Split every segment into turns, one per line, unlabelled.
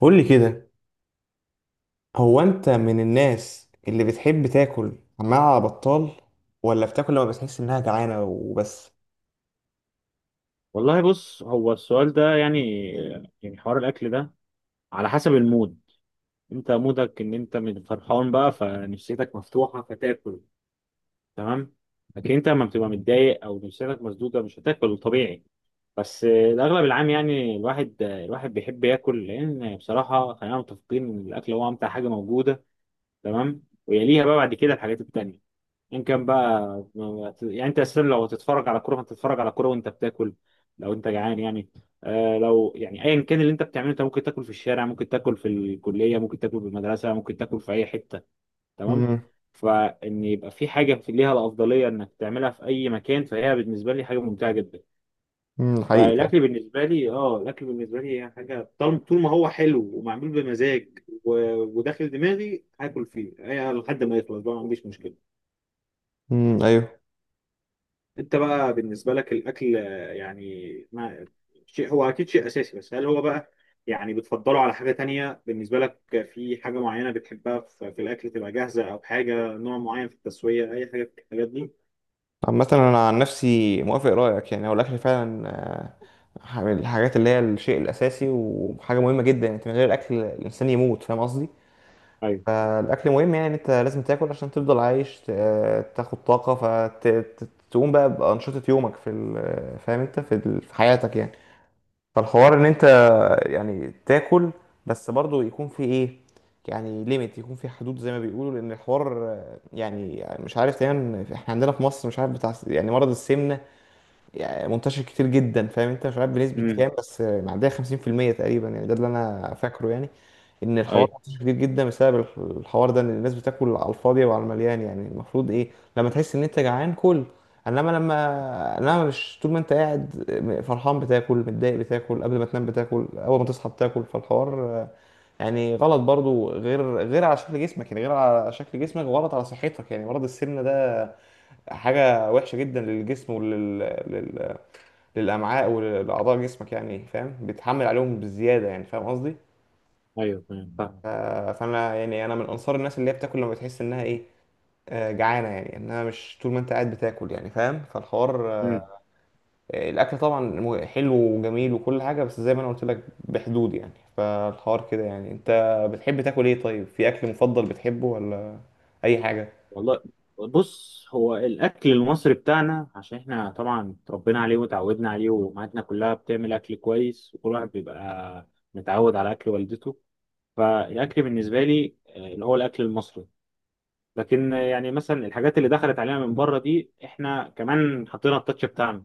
قول لي كده. هو انت من الناس اللي بتحب تاكل مع بطال، ولا بتاكل لما بتحس انها جعانه وبس؟
والله بص، هو السؤال ده يعني حوار الاكل ده على حسب المود. انت مودك ان انت من فرحان بقى فنفسيتك مفتوحه فتاكل، تمام. لكن انت لما بتبقى متضايق او نفسيتك مسدوده مش هتاكل طبيعي. بس الاغلب العام يعني الواحد، الواحد بيحب ياكل، لان بصراحه خلينا متفقين ان الاكل هو امتع حاجه موجوده. تمام، ويليها بقى بعد كده الحاجات التانيه. ان كان بقى يعني انت اساسا لو هتتفرج على كوره هتتفرج على كوره وانت بتاكل، لو انت جعان يعني. آه، لو يعني ايا كان اللي انت بتعمله انت ممكن تاكل في الشارع، ممكن تاكل في الكليه، ممكن تاكل في المدرسه، ممكن تاكل في اي حته. تمام.
امم
فان يبقى في حاجه في ليها الافضليه انك تعملها في اي مكان فهي بالنسبه لي حاجه ممتعه جدا.
امم حقيقي.
فالاكل بالنسبه لي اه، الاكل بالنسبه لي هي حاجه طالما طول ما هو حلو ومعمول بمزاج وداخل دماغي هاكل فيه لحد ما يخلص بقى، ما عنديش مشكله.
ايوه.
انت بقى بالنسبه لك الاكل يعني ما، شيء هو اكيد شيء اساسي، بس هل هو بقى يعني بتفضله على حاجه تانية بالنسبه لك؟ في حاجه معينه بتحبها في الاكل، تبقى جاهزه او حاجه، نوع معين في التسويه، اي حاجه في الحاجات دي؟
عامة انا عن نفسي موافق رايك، يعني هو الاكل فعلا من الحاجات اللي هي الشيء الاساسي وحاجه مهمه جدا. انت من غير الاكل الانسان يموت، فاهم قصدي؟
ايوه.
فالاكل مهم، يعني انت لازم تاكل عشان تفضل عايش تاخد طاقه فتقوم بقى بانشطه يومك في فاهم انت في في حياتك يعني. فالحوار ان انت يعني تاكل، بس برضو يكون في ايه، يعني ليميت، يكون في حدود زي ما بيقولوا. لان الحوار يعني مش عارف، دايما احنا عندنا في مصر مش عارف بتاع يعني مرض السمنة يعني منتشر كتير جدا، فاهم انت؟ مش عارف بنسبة
امم.
كام، بس معدية 50% تقريبا يعني، ده اللي انا فاكره يعني. ان الحوار
ايوه.
منتشر كتير جدا بسبب الحوار ده، ان الناس بتاكل على الفاضي وعلى المليان. يعني المفروض ايه؟ لما تحس ان انت جعان كل، انما لما انما مش طول ما انت قاعد فرحان بتاكل، متضايق بتاكل، قبل ما تنام بتاكل، اول ما تصحى بتاكل. فالحوار يعني غلط برضو، غير على شكل جسمك، يعني غير على شكل جسمك غلط على صحتك. يعني مرض السمنة ده حاجة وحشة جدا للجسم للامعاء ولاعضاء جسمك، يعني فاهم؟ بيتحمل عليهم بزياده، يعني فاهم قصدي؟
ايوه، تمام فاهم.
ف- فانا يعني انا من انصار الناس اللي هي بتاكل لما تحس انها ايه، جعانه، يعني انها مش طول ما انت قاعد بتاكل يعني، فاهم؟ فالحوار
امم.
الاكل طبعا حلو وجميل وكل حاجه، بس زي ما انا قلت لك بحدود يعني. فالحوار كده، يعني انت بتحب تاكل ايه؟ طيب في اكل مفضل بتحبه ولا اي حاجه؟
والله بص، هو الاكل المصري بتاعنا عشان احنا طبعا اتربينا عليه وتعودنا عليه، وامهاتنا كلها بتعمل اكل كويس، وكل واحد بيبقى متعود على اكل والدته. فالاكل بالنسبه لي اللي هو الاكل المصري. لكن يعني مثلا الحاجات اللي دخلت علينا من بره دي احنا كمان حطينا التاتش بتاعنا.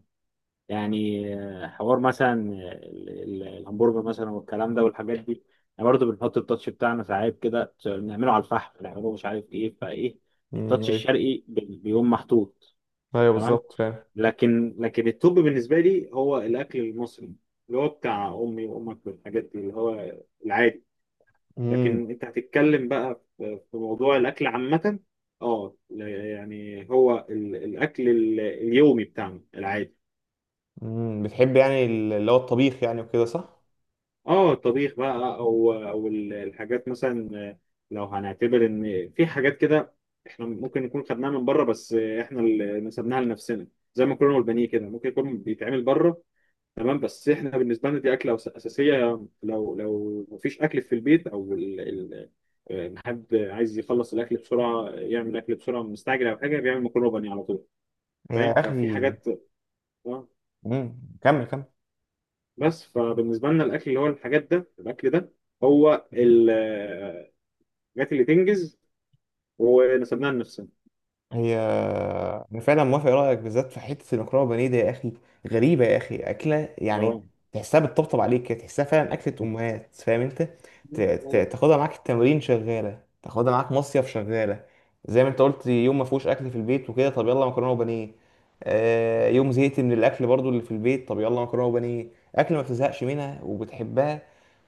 يعني حوار مثلا، الهمبرجر مثلا والكلام ده والحاجات دي، احنا برضه بنحط التاتش بتاعنا. ساعات كده بنعمله على الفحم، بنعمله مش عارف ايه فايه. التاتش
ايوه.
الشرقي بيقوم محطوط،
ايوه
تمام.
بالظبط فعلا.
لكن التوب بالنسبه لي هو الاكل المصري، اللي هو بتاع امي وامك والحاجات دي، اللي هو العادي.
امم.
لكن انت هتتكلم بقى في موضوع الاكل عامه. اه، يعني هو الاكل اليومي بتاعنا العادي.
أمم، بتحب يعني اللي هو الطبيخ يعني وكده، صح؟
اه، الطبيخ بقى، او الحاجات مثلا، لو هنعتبر ان في حاجات كده احنا ممكن نكون خدناها من بره بس احنا اللي نسبناها لنفسنا. زي ما كنا والبانيه كده، ممكن يكون بيتعمل بره، تمام، بس احنا بالنسبه لنا دي اكله اساسيه. لو لو مفيش اكل في البيت او حد عايز يخلص الاكل بسرعه، يعمل اكل بسرعه، مستعجل او حاجه، بيعمل مكرونه بانيه على طول.
يا
فاهم؟ ففي
اخي.
حاجات آه،
امم. كمل كمل.
بس فبالنسبه لنا الاكل اللي هو الحاجات ده، الاكل ده هو الحاجات اللي تنجز ونسبناها لنفسنا.
هي انا فعلا موافق رايك، بالذات في حته المكرونه بانيه دي يا اخي. غريبه يا اخي اكله يعني.
اه،
تحسها بتطبطب عليك كده، تحسها فعلا اكله امهات، فاهم انت؟ تاخدها معاك التمرين شغاله، تاخدها معاك مصيف شغاله. زي ما انت قلت، يوم ما فيهوش اكل في البيت وكده، طب يلا مكرونه وبانيه. آه يوم زهقت من الاكل برضو اللي في البيت، طب يلا مكرونه وبانيه. اكل ما بتزهقش منها وبتحبها،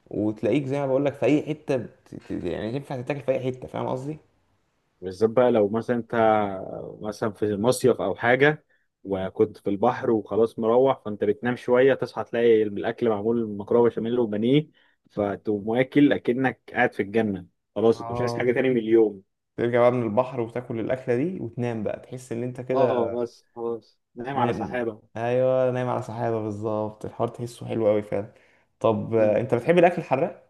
وتلاقيك زي ما بقول لك في اي حته يعني تنفع تتاكل في اي حته، فاهم قصدي؟
بالذات بقى لو مثلا انت مثلا في مصيف او حاجه وكنت في البحر وخلاص مروح، فانت بتنام شويه تصحى تلاقي الاكل معمول مكرونه بشاميل وبانيه، فتقوم واكل اكنك قاعد في الجنه، خلاص انت مش عايز حاجه
اه.
تاني من اليوم.
ترجع بقى من البحر وتاكل الأكلة دي وتنام بقى، تحس إن أنت كده.
اه بس خلاص نايم على
نام.
سحابه.
أيوة نايم على سحابة بالظبط، الحوار تحسه حلو أوي فعلا. طب
مم.
أنت بتحب الأكل الحراق؟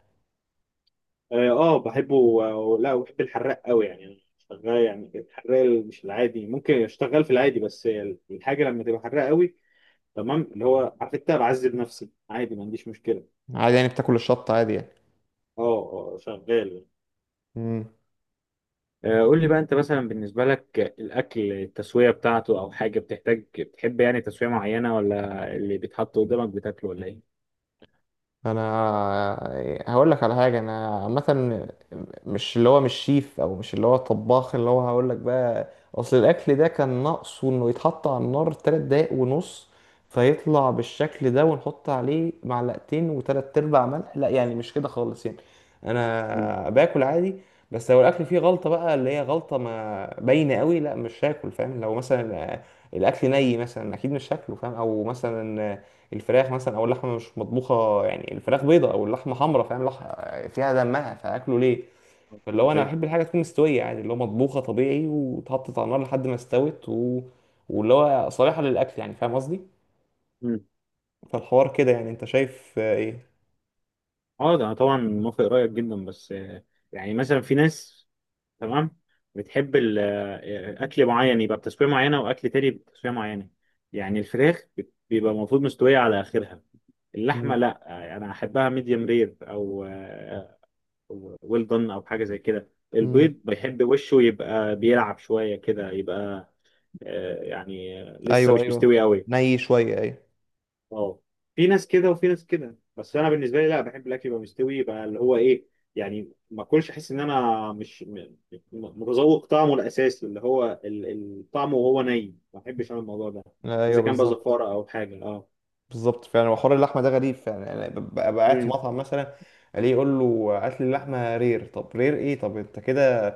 اه بحبه و- لا وبحب الحراق قوي يعني. شغال يعني، الحراق مش العادي، ممكن يشتغل في العادي بس الحاجه لما تبقى حراق قوي، تمام، اللي هو عارف انت بعذب نفسي عادي، ما عنديش مشكله.
عادي، يعني بتاكل الشطة عادي يعني.
اه، شغال.
مم.
قول لي بقى انت مثلا بالنسبه لك الاكل، التسويه بتاعته او حاجه بتحتاج، بتحب يعني تسويه معينه ولا اللي بيتحط قدامك بتاكله، ولا ايه؟
انا هقول لك على حاجه. انا عامه مش اللي هو مش شيف او مش اللي هو طباخ، اللي هو هقول لك بقى. اصل الاكل ده كان ناقصه انه يتحط على النار 3 دقايق ونص، فيطلع بالشكل ده، ونحط عليه معلقتين وتلات ارباع ملح. لا يعني مش كده خالص يعني،
مم.
انا باكل عادي. بس لو الاكل فيه غلطه بقى، اللي هي غلطه ما باينه قوي، لا مش هاكل، فاهم؟ لو مثلا الاكل ني مثلا اكيد مش هاكله، فاهم؟ او مثلا الفراخ مثلا او اللحمه مش مطبوخه، يعني الفراخ بيضه او اللحمه حمراء، فاهم؟ فيها دمها، فاكله ليه؟ اللي هو انا
طيب.
بحب الحاجه تكون مستويه عادي، اللي هو مطبوخه طبيعي، واتحطت على النار لحد ما استوت واللي هو صالحه للاكل، يعني فاهم قصدي؟
مم.
فالحوار كده يعني، انت شايف ايه؟
اه، ده انا طبعا موافق رايك جدا، بس يعني مثلا في ناس، تمام، بتحب اكل معين يبقى بتسويه معينه، واكل تاني بتسويه معينه. يعني الفراخ بيبقى المفروض مستويه على اخرها. اللحمه
مم.
لا، انا احبها ميديم رير او ويل دون او حاجه زي كده. البيض
مم.
بيحب وشه يبقى بيلعب شويه كده، يبقى يعني لسه
ايوه
مش
ايوه.
مستوي قوي.
ني شويه، ايوه.
اه، في ناس كده وفي ناس كده، بس انا بالنسبه لي لا، بحب الاكل يبقى مستوي، يبقى اللي هو ايه، يعني ما اكلش احس ان انا مش متذوق طعمه الاساسي، اللي هو طعمه، وهو ني ما بحبش انا الموضوع ده،
ايوه
اذا كان بقى
بالظبط.
زفاره او حاجه اه.
بالظبط فعلا. وحوار اللحمه ده غريب فعلا يعني. ببقى قاعد في
امم.
مطعم مثلا، الاقيه يقول له هات لي اللحمه رير. طب رير ايه؟ طب انت كده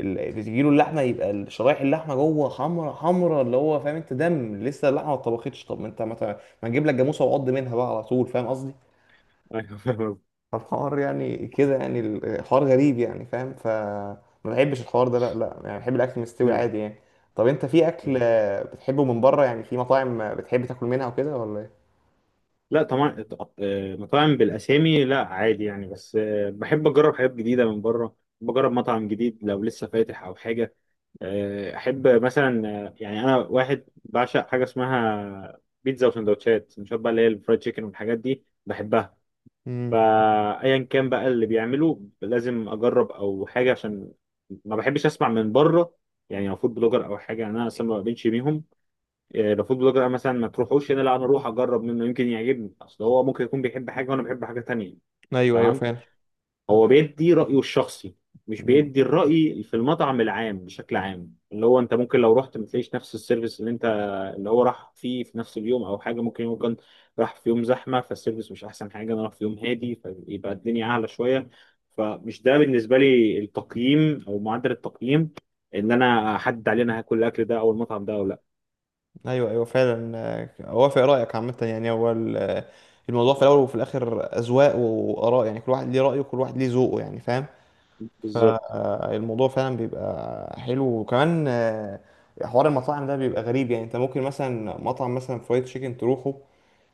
اللي تجي له اللحمه يبقى شرايح اللحمه جوه حمرا حمرا، اللي هو فاهم انت دم، لسه اللحمه ما اتطبختش. طب ما انت ما نجيب لك جاموسه وعض منها بقى على طول، فاهم قصدي؟
ايوه فاهم.
فالحوار يعني كده، يعني الحوار غريب يعني، فاهم؟ ما بحبش الحوار ده، لا لا، يعني بحب الاكل مستوي
أمم.
عادي يعني. طب انت في اكل بتحبه من بره، يعني في مطاعم بتحب تاكل منها وكده ولا ايه؟
لا طبعا، مطاعم بالاسامي لا عادي يعني، بس بحب اجرب حاجات جديده من بره، بجرب مطعم جديد لو لسه فاتح او حاجه. احب مثلا آه، يعني انا واحد بعشق حاجه اسمها بيتزا وسندوتشات. سندوتشات بقى اللي هي الفرايد تشيكن والحاجات دي بحبها.
امم
فايا كان بقى اللي بيعمله لازم اجرب او حاجه، عشان ما بحبش اسمع من بره. يعني لو فود بلوجر او حاجه، يعني انا اصلا ما بقبلش بيهم. لو فود بلوجر انا مثلا ما تروحوش هنا، لا، انا اروح اجرب منه، يمكن يعجبني، اصل هو ممكن يكون بيحب حاجه وانا بحب حاجه تانية.
ايوه. ايوه
تمام.
فعلا.
هو بيدي رايه الشخصي، مش
مم.
بيدي الراي في المطعم العام بشكل عام. اللي هو انت ممكن لو رحت ما تلاقيش نفس السيرفيس اللي انت اللي هو راح فيه في نفس اليوم او حاجه، ممكن يكون راح في يوم زحمه فالسيرفيس مش احسن حاجه، انا راح في يوم هادي فيبقى الدنيا اعلى شويه. فمش ده بالنسبه لي التقييم او معدل التقييم ان انا احدد عليه انا هاكل الاكل ده او المطعم ده او لا.
ايوه ايوه فعلا. اوافق رايك عامه، يعني هو الموضوع في الاول وفي الاخر اذواق واراء، يعني كل واحد ليه رايه وكل واحد ليه ذوقه يعني، فاهم؟
بالظبط.
فالموضوع فعلا بيبقى حلو، وكمان حوار المطاعم ده بيبقى غريب. يعني انت ممكن مثلا مطعم مثلا فرايد تشيكن تروحه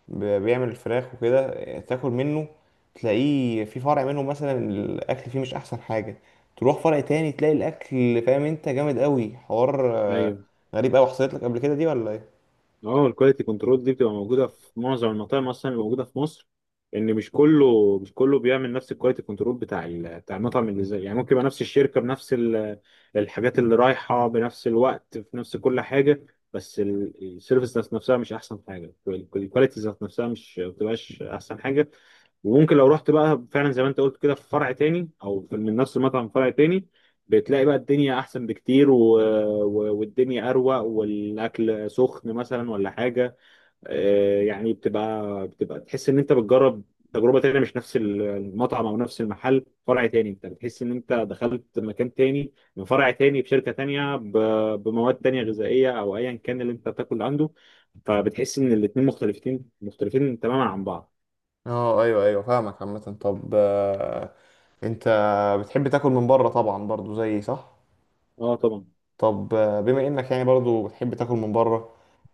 بيعمل الفراخ وكده، تاكل منه، تلاقيه في فرع منه مثلا الاكل فيه مش احسن حاجه، تروح فرع تاني تلاقي الاكل فاهم انت جامد قوي، حوار
ايوه.
غريب قوي. حصلت لك قبل كده دي ولا ايه؟
اه، الكواليتي كنترول دي بتبقى موجوده في معظم المطاعم اصلا اللي موجوده في مصر، ان مش كله بيعمل نفس الكواليتي كنترول بتاع بتاع المطعم، اللي زي يعني ممكن يبقى نفس الشركه بنفس الحاجات اللي رايحه بنفس الوقت في نفس كل حاجه، بس السيرفيس ذات نفسها مش احسن حاجه، الكواليتي ذات نفسها مش ما بتبقاش احسن حاجه. وممكن لو رحت بقى فعلا زي ما انت قلت كده في فرع تاني او من نفس المطعم فرع تاني، بتلاقي بقى الدنيا احسن بكتير والدنيا اروق والاكل سخن مثلا ولا حاجه. يعني بتبقى تحس ان انت بتجرب تجربه تانية، مش نفس المطعم او نفس المحل، فرع تاني انت بتحس ان انت دخلت مكان تاني، من فرع تاني بشركه تانية بمواد تانية غذائيه او ايا كان اللي انت بتاكل عنده. فبتحس ان الاتنين مختلفين، مختلفين تماما عن بعض.
اه ايوه ايوه فاهمك عامة. طب انت بتحب تاكل من بره طبعا برضو زيي، صح؟
اه طبعا.
طب بما انك يعني برضو بتحب تاكل من بره،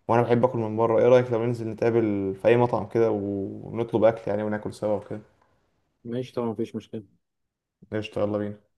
وانا بحب اكل من بره، ايه رأيك لو ننزل نتقابل في اي مطعم كده ونطلب اكل يعني وناكل سوا وكده؟
ماشي طبعا، مفيش مشكلة.
قشطة، يلا بينا.